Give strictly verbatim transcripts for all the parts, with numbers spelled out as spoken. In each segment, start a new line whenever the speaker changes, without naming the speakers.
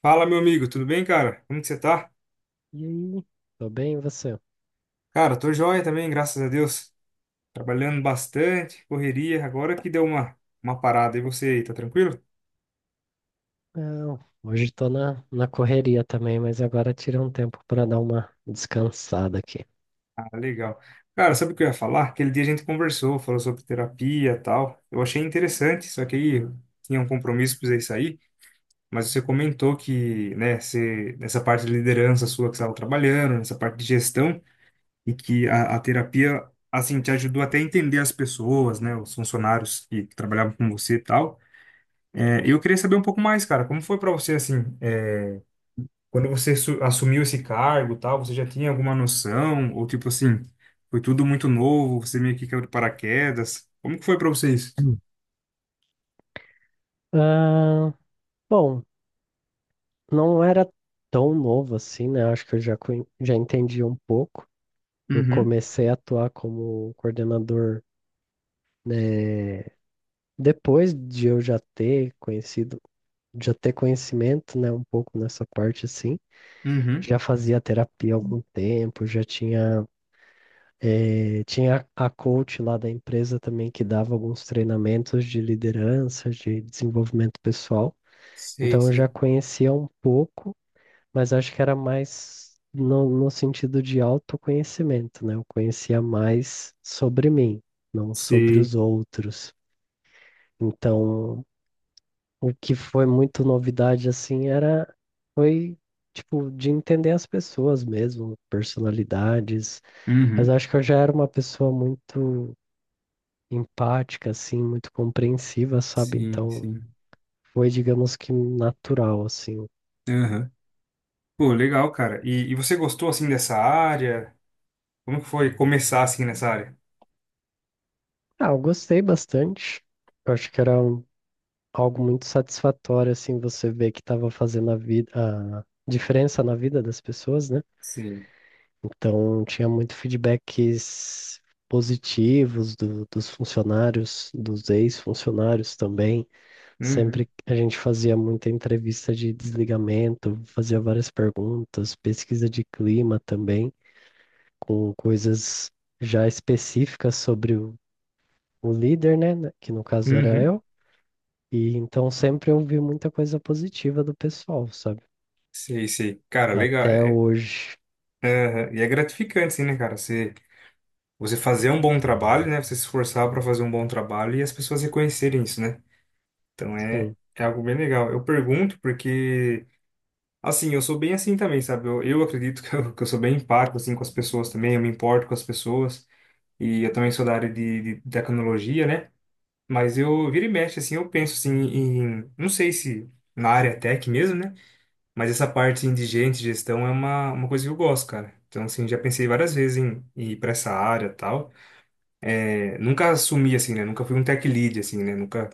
Fala, meu amigo, tudo bem, cara? Como que você tá?
E aí? Tô bem, e você?
Cara, tô joia também, graças a Deus. Trabalhando bastante, correria. Agora que deu uma, uma parada. E você aí, tá tranquilo?
Não, hoje tô na, na correria também, mas agora tirei um tempo pra dar uma descansada aqui.
Ah, legal. Cara, sabe o que eu ia falar? Aquele dia a gente conversou, falou sobre terapia e tal. Eu achei interessante, só que aí eu tinha um compromisso, precisei sair. Mas você comentou que, né, você, nessa parte de liderança sua que você estava trabalhando, nessa parte de gestão, e que a, a terapia, assim, te ajudou até a entender as pessoas, né, os funcionários que trabalhavam com você e tal. É, eu queria saber um pouco mais, cara, como foi para você assim, é, quando você su- assumiu esse cargo, e tal, você já tinha alguma noção ou tipo assim, foi tudo muito novo, você meio que caiu de paraquedas. Como que foi para vocês?
Hum. Ah, bom, não era tão novo assim, né? Acho que eu já, conhe- já entendi um pouco. Eu
Uhum,
comecei a atuar como coordenador, né, depois de eu já ter conhecido, já ter conhecimento, né, um pouco nessa parte assim.
uhum,
Já fazia terapia há algum tempo, já tinha Eh, tinha a coach lá da empresa também que dava alguns treinamentos de liderança, de desenvolvimento pessoal.
sei,
Então eu
sei.
já conhecia um pouco, mas acho que era mais no, no sentido de autoconhecimento, né? Eu conhecia mais sobre mim, não sobre
Sei.
os outros. Então, o que foi muito novidade assim era foi tipo de entender as pessoas mesmo, personalidades, mas
Uhum,
acho que eu já era uma pessoa muito empática, assim, muito compreensiva, sabe?
sim,
Então,
sim.
foi, digamos que natural, assim.
Uhum. Pô, legal, cara. E, e você gostou assim dessa área? Como que foi começar assim nessa área?
Ah, eu gostei bastante. Eu acho que era um- algo muito satisfatório, assim, você ver que estava fazendo a vida, a diferença na vida das pessoas, né?
Sim.
Então, tinha muito feedbacks positivos do- dos funcionários, dos ex-funcionários também.
Uhum,
Sempre a gente fazia muita entrevista de desligamento, fazia várias perguntas, pesquisa de clima também, com coisas já específicas sobre o, o líder, né? né, que no caso era
uhum,
eu. E então sempre eu vi muita coisa positiva do pessoal, sabe?
sei, sei. Cara, legal.
Até
É-
hoje.
é- e é gratificante, sim né, cara? você você fazer um bom trabalho, né? Você se esforçar para fazer um bom trabalho e as pessoas reconhecerem isso, né? Então é,
Sim,
é algo bem legal. Eu pergunto porque, assim, eu sou bem assim também, sabe? Eu, eu acredito que eu, que eu sou bem empático, assim, com as pessoas também, eu me importo com as pessoas. E eu também sou da área de, de tecnologia, né? Mas eu vira e mexe, assim, eu penso, assim, em... Não sei se na área tech mesmo, né? Mas essa parte, assim, de gente, gestão, é uma, uma coisa que eu gosto, cara. Então, assim, já pensei várias vezes em ir para essa área e tal. É, nunca assumi assim, né? Nunca fui um tech lead assim, né? Nunca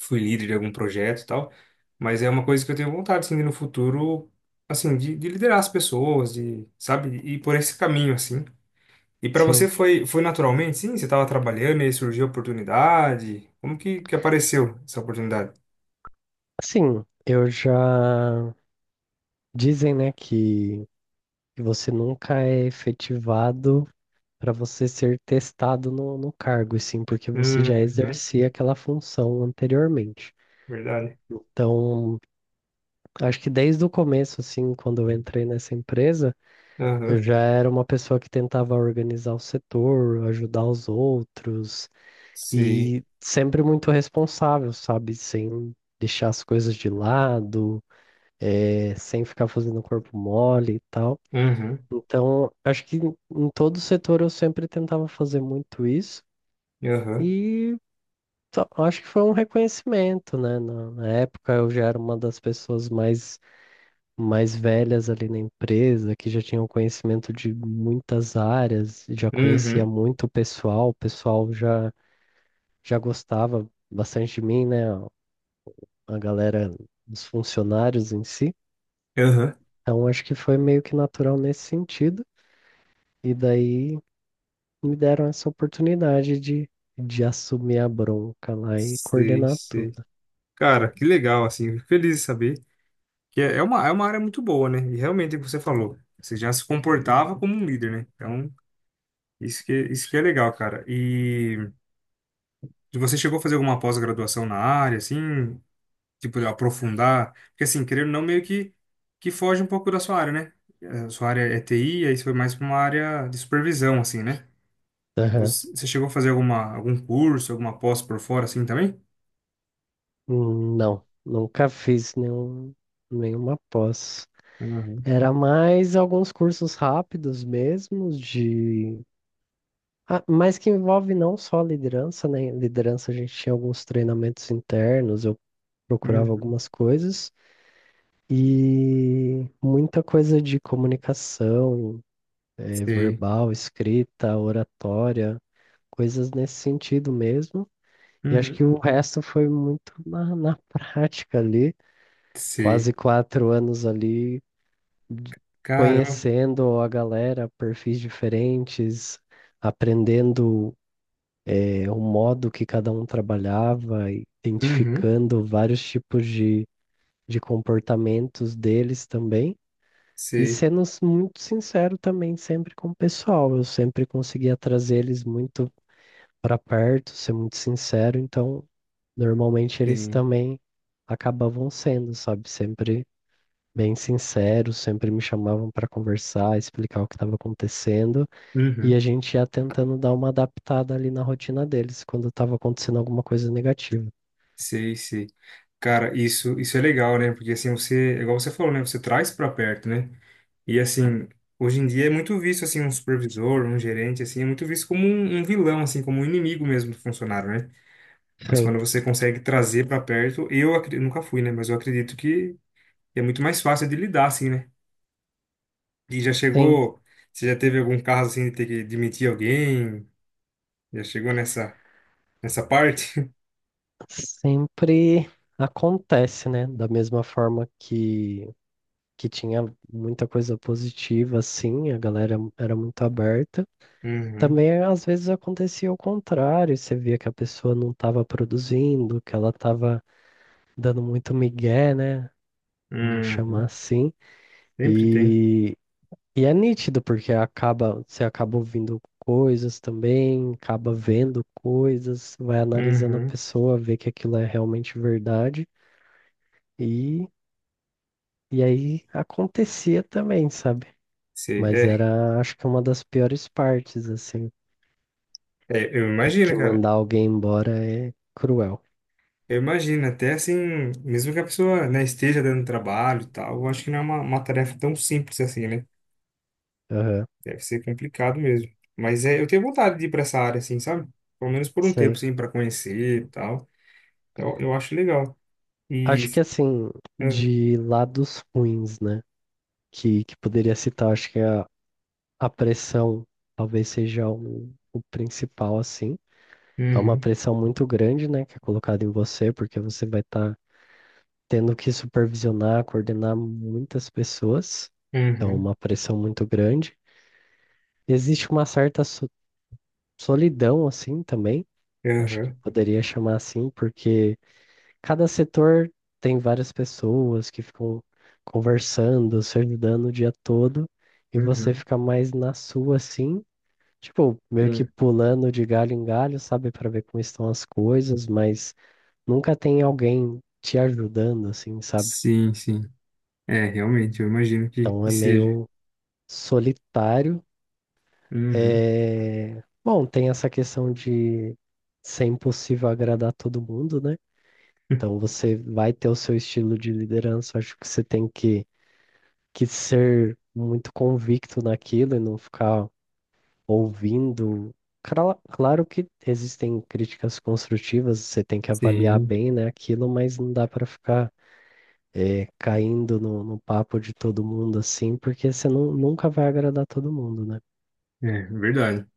fui líder de algum projeto e tal. Mas é uma coisa que eu tenho vontade assim de no futuro, assim, de, de liderar as pessoas, de, sabe? E por esse caminho assim. E para você
sim.
foi foi naturalmente, sim? Você estava trabalhando e aí surgiu a oportunidade. Como que que apareceu essa oportunidade?
Sim, eu já. Dizem, né, que, que você nunca é efetivado para você ser testado no, no cargo, e sim, porque você já
Uhum,
exercia aquela função anteriormente.
verdade.
Então, acho que desde o começo, assim, quando eu entrei nessa empresa, eu
Aham.
já era uma pessoa que tentava organizar o setor, ajudar os outros
Sei.
e sempre muito responsável, sabe? Sem deixar as coisas de lado, eh, sem ficar fazendo corpo mole e tal.
Uhum.
Então, acho que em em todo setor eu sempre tentava fazer muito isso
Aham.
e só- acho que foi um reconhecimento, né? Na na época eu já era uma das pessoas mais mais velhas ali na empresa, que já tinham conhecimento de muitas áreas, já conhecia
Uhum.
muito o pessoal, o pessoal já, já gostava bastante de mim, né? A a galera dos funcionários em si.
Aham.
Então, acho que foi meio que natural nesse sentido. E daí me deram essa oportunidade de, de assumir a bronca lá e
Sei,
coordenar
sei.
tudo.
Cara, que legal assim. Fico feliz de saber. Que é é uma, é uma área muito boa, né? E realmente, é o que você falou, você já se comportava como um líder, né? Então, isso que, isso que é legal, cara. E você chegou a fazer alguma pós-graduação na área, assim, tipo, de aprofundar? Porque, assim, querendo ou não, meio que, que foge um pouco da sua área, né? A sua área é T I, aí você foi mais para uma área de supervisão, assim, né?
Aham.
Você, você chegou a fazer alguma, algum curso, alguma pós por fora, assim, também?
Hum, não, nunca fiz nenhum, nenhuma pós.
Uhum,
Era mais alguns cursos rápidos mesmo, de... ah, mas que envolve não só liderança, né? Liderança a gente tinha alguns treinamentos internos, eu procurava
uhum,
algumas coisas, e muita coisa de comunicação, eh,
sei.
verbal, escrita, oratória, coisas nesse sentido mesmo. E acho
Uhum,
que o resto foi muito na, na prática ali,
sei.
quase quatro anos ali de-
Caramba.
conhecendo a galera, perfis diferentes, aprendendo é, o modo que cada um trabalhava,
Uhum,
identificando vários tipos de, de comportamentos deles também. E
sei.
sendo s- muito sincero também sempre com o pessoal, eu sempre conseguia trazer eles muito para perto, ser muito sincero, então normalmente eles
Sim.
também acabavam sendo, sabe? Sempre bem sinceros, sempre me chamavam para conversar, explicar o que estava acontecendo, e a
Uhum.
gente ia tentando dar uma adaptada ali na rotina deles quando estava acontecendo alguma coisa negativa.
Sei, sei. Cara, isso, isso é legal, né? Porque assim, você, é igual você falou, né? Você traz pra perto, né? E assim, hoje em dia é muito visto assim um supervisor, um gerente assim, é muito visto como um, um vilão assim, como um inimigo mesmo do funcionário, né? Mas
Sim,
quando você consegue trazer pra perto, eu, acre- eu nunca fui, né? Mas eu acredito que é muito mais fácil de lidar assim, né? E já
sim,
chegou, você já teve algum caso assim de ter que demitir alguém? Já chegou nessa nessa parte?
sempre acontece, né? Da mesma forma que que tinha muita coisa positiva, assim, a galera era muito aberta.
Uhum.
Também às vezes acontecia o contrário, você via que a pessoa não estava produzindo, que ela estava dando muito migué, né? Vamos chamar
Uhum.
assim.
Sempre tem.
E, e é nítido, porque acaba, você acaba ouvindo coisas também, acaba vendo coisas, vai analisando a
Uhum.
pessoa, vê que aquilo é realmente verdade. E, e aí acontecia também, sabe?
Sei,
Mas
é,
era, acho que uma das piores partes, assim.
é, eu
Ter
imagino,
que
cara.
mandar alguém embora é cruel.
Eu imagino, até assim, mesmo que a pessoa, né, esteja dando trabalho e tal, eu acho que não é uma, uma tarefa tão simples assim, né?
Aham,
Deve ser complicado mesmo. Mas é, eu tenho vontade de ir pra essa área, assim, sabe? Pelo menos por um tempo,
sei.
assim, pra conhecer e tal. Eu, eu acho legal. E.
Acho que assim, de lados ruins, né? Que, que poderia citar, acho que a a pressão talvez seja o, o principal, assim. É uma
Uhum,
pressão muito grande, né, que é colocada em você, porque você vai estar tendo que supervisionar, coordenar muitas pessoas. Então, é
uhum,
uma pressão muito grande. Existe uma certa so- solidão, assim, também. Acho que
uhum,
poderia chamar assim, porque cada setor tem várias pessoas que ficam conversando, se ajudando o dia todo, e você
uhum,
fica mais na sua, assim, tipo, meio que
sim.
pulando de galho em galho, sabe, pra ver como estão as coisas, mas nunca tem alguém te ajudando, assim, sabe?
Sim, sim. É, realmente, eu imagino que,
Então
que
é
seja.
meio solitário.
Uhum.
É... Bom, tem essa questão de ser impossível agradar todo mundo, né? Então você vai ter o seu estilo de liderança, acho que você tem que, que ser muito convicto naquilo e não ficar ouvindo. Cra- Claro que existem críticas construtivas, você tem que avaliar
Sim,
bem, né, aquilo, mas não dá para ficar eh, caindo no, no papo de todo mundo assim, porque você nu- nunca vai agradar todo mundo, né?
é verdade.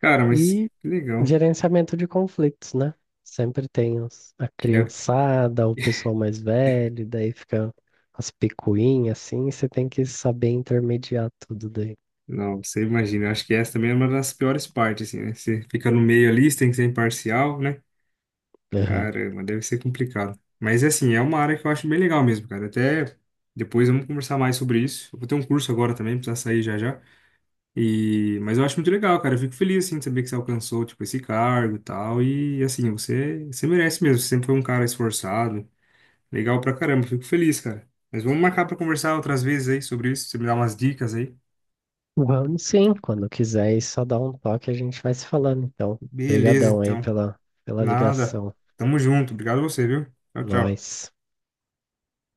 Cara, mas
E
que legal.
gerenciamento de conflitos, né? Sempre tem os- a criançada, o pessoal mais velho, e daí fica as picuinhas assim, você tem que saber intermediar tudo daí.
Não, você imagina. Eu acho que essa também é uma das piores partes, assim, né? Você fica no meio ali, você tem que ser imparcial, né? Caramba, deve ser complicado. Mas, assim, é uma área que eu acho bem legal mesmo, cara. Até depois vamos conversar mais sobre isso. Eu vou ter um curso agora também, precisa sair já já. E... Mas eu acho muito legal, cara. Eu fico feliz, assim, de saber que você alcançou, tipo, esse cargo e tal. E, assim, você, você merece mesmo. Você sempre foi um cara esforçado. Legal pra caramba. Fico feliz, cara. Mas vamos marcar pra conversar outras vezes aí sobre isso. Você me dá umas dicas aí.
Vamos sim, quando quiser, e só dá um toque, a gente vai se falando, então.
Beleza,
Obrigadão aí
então.
pela, pela
Nada.
ligação.
Tamo junto. Obrigado a você, viu? Tchau, tchau.
Nós.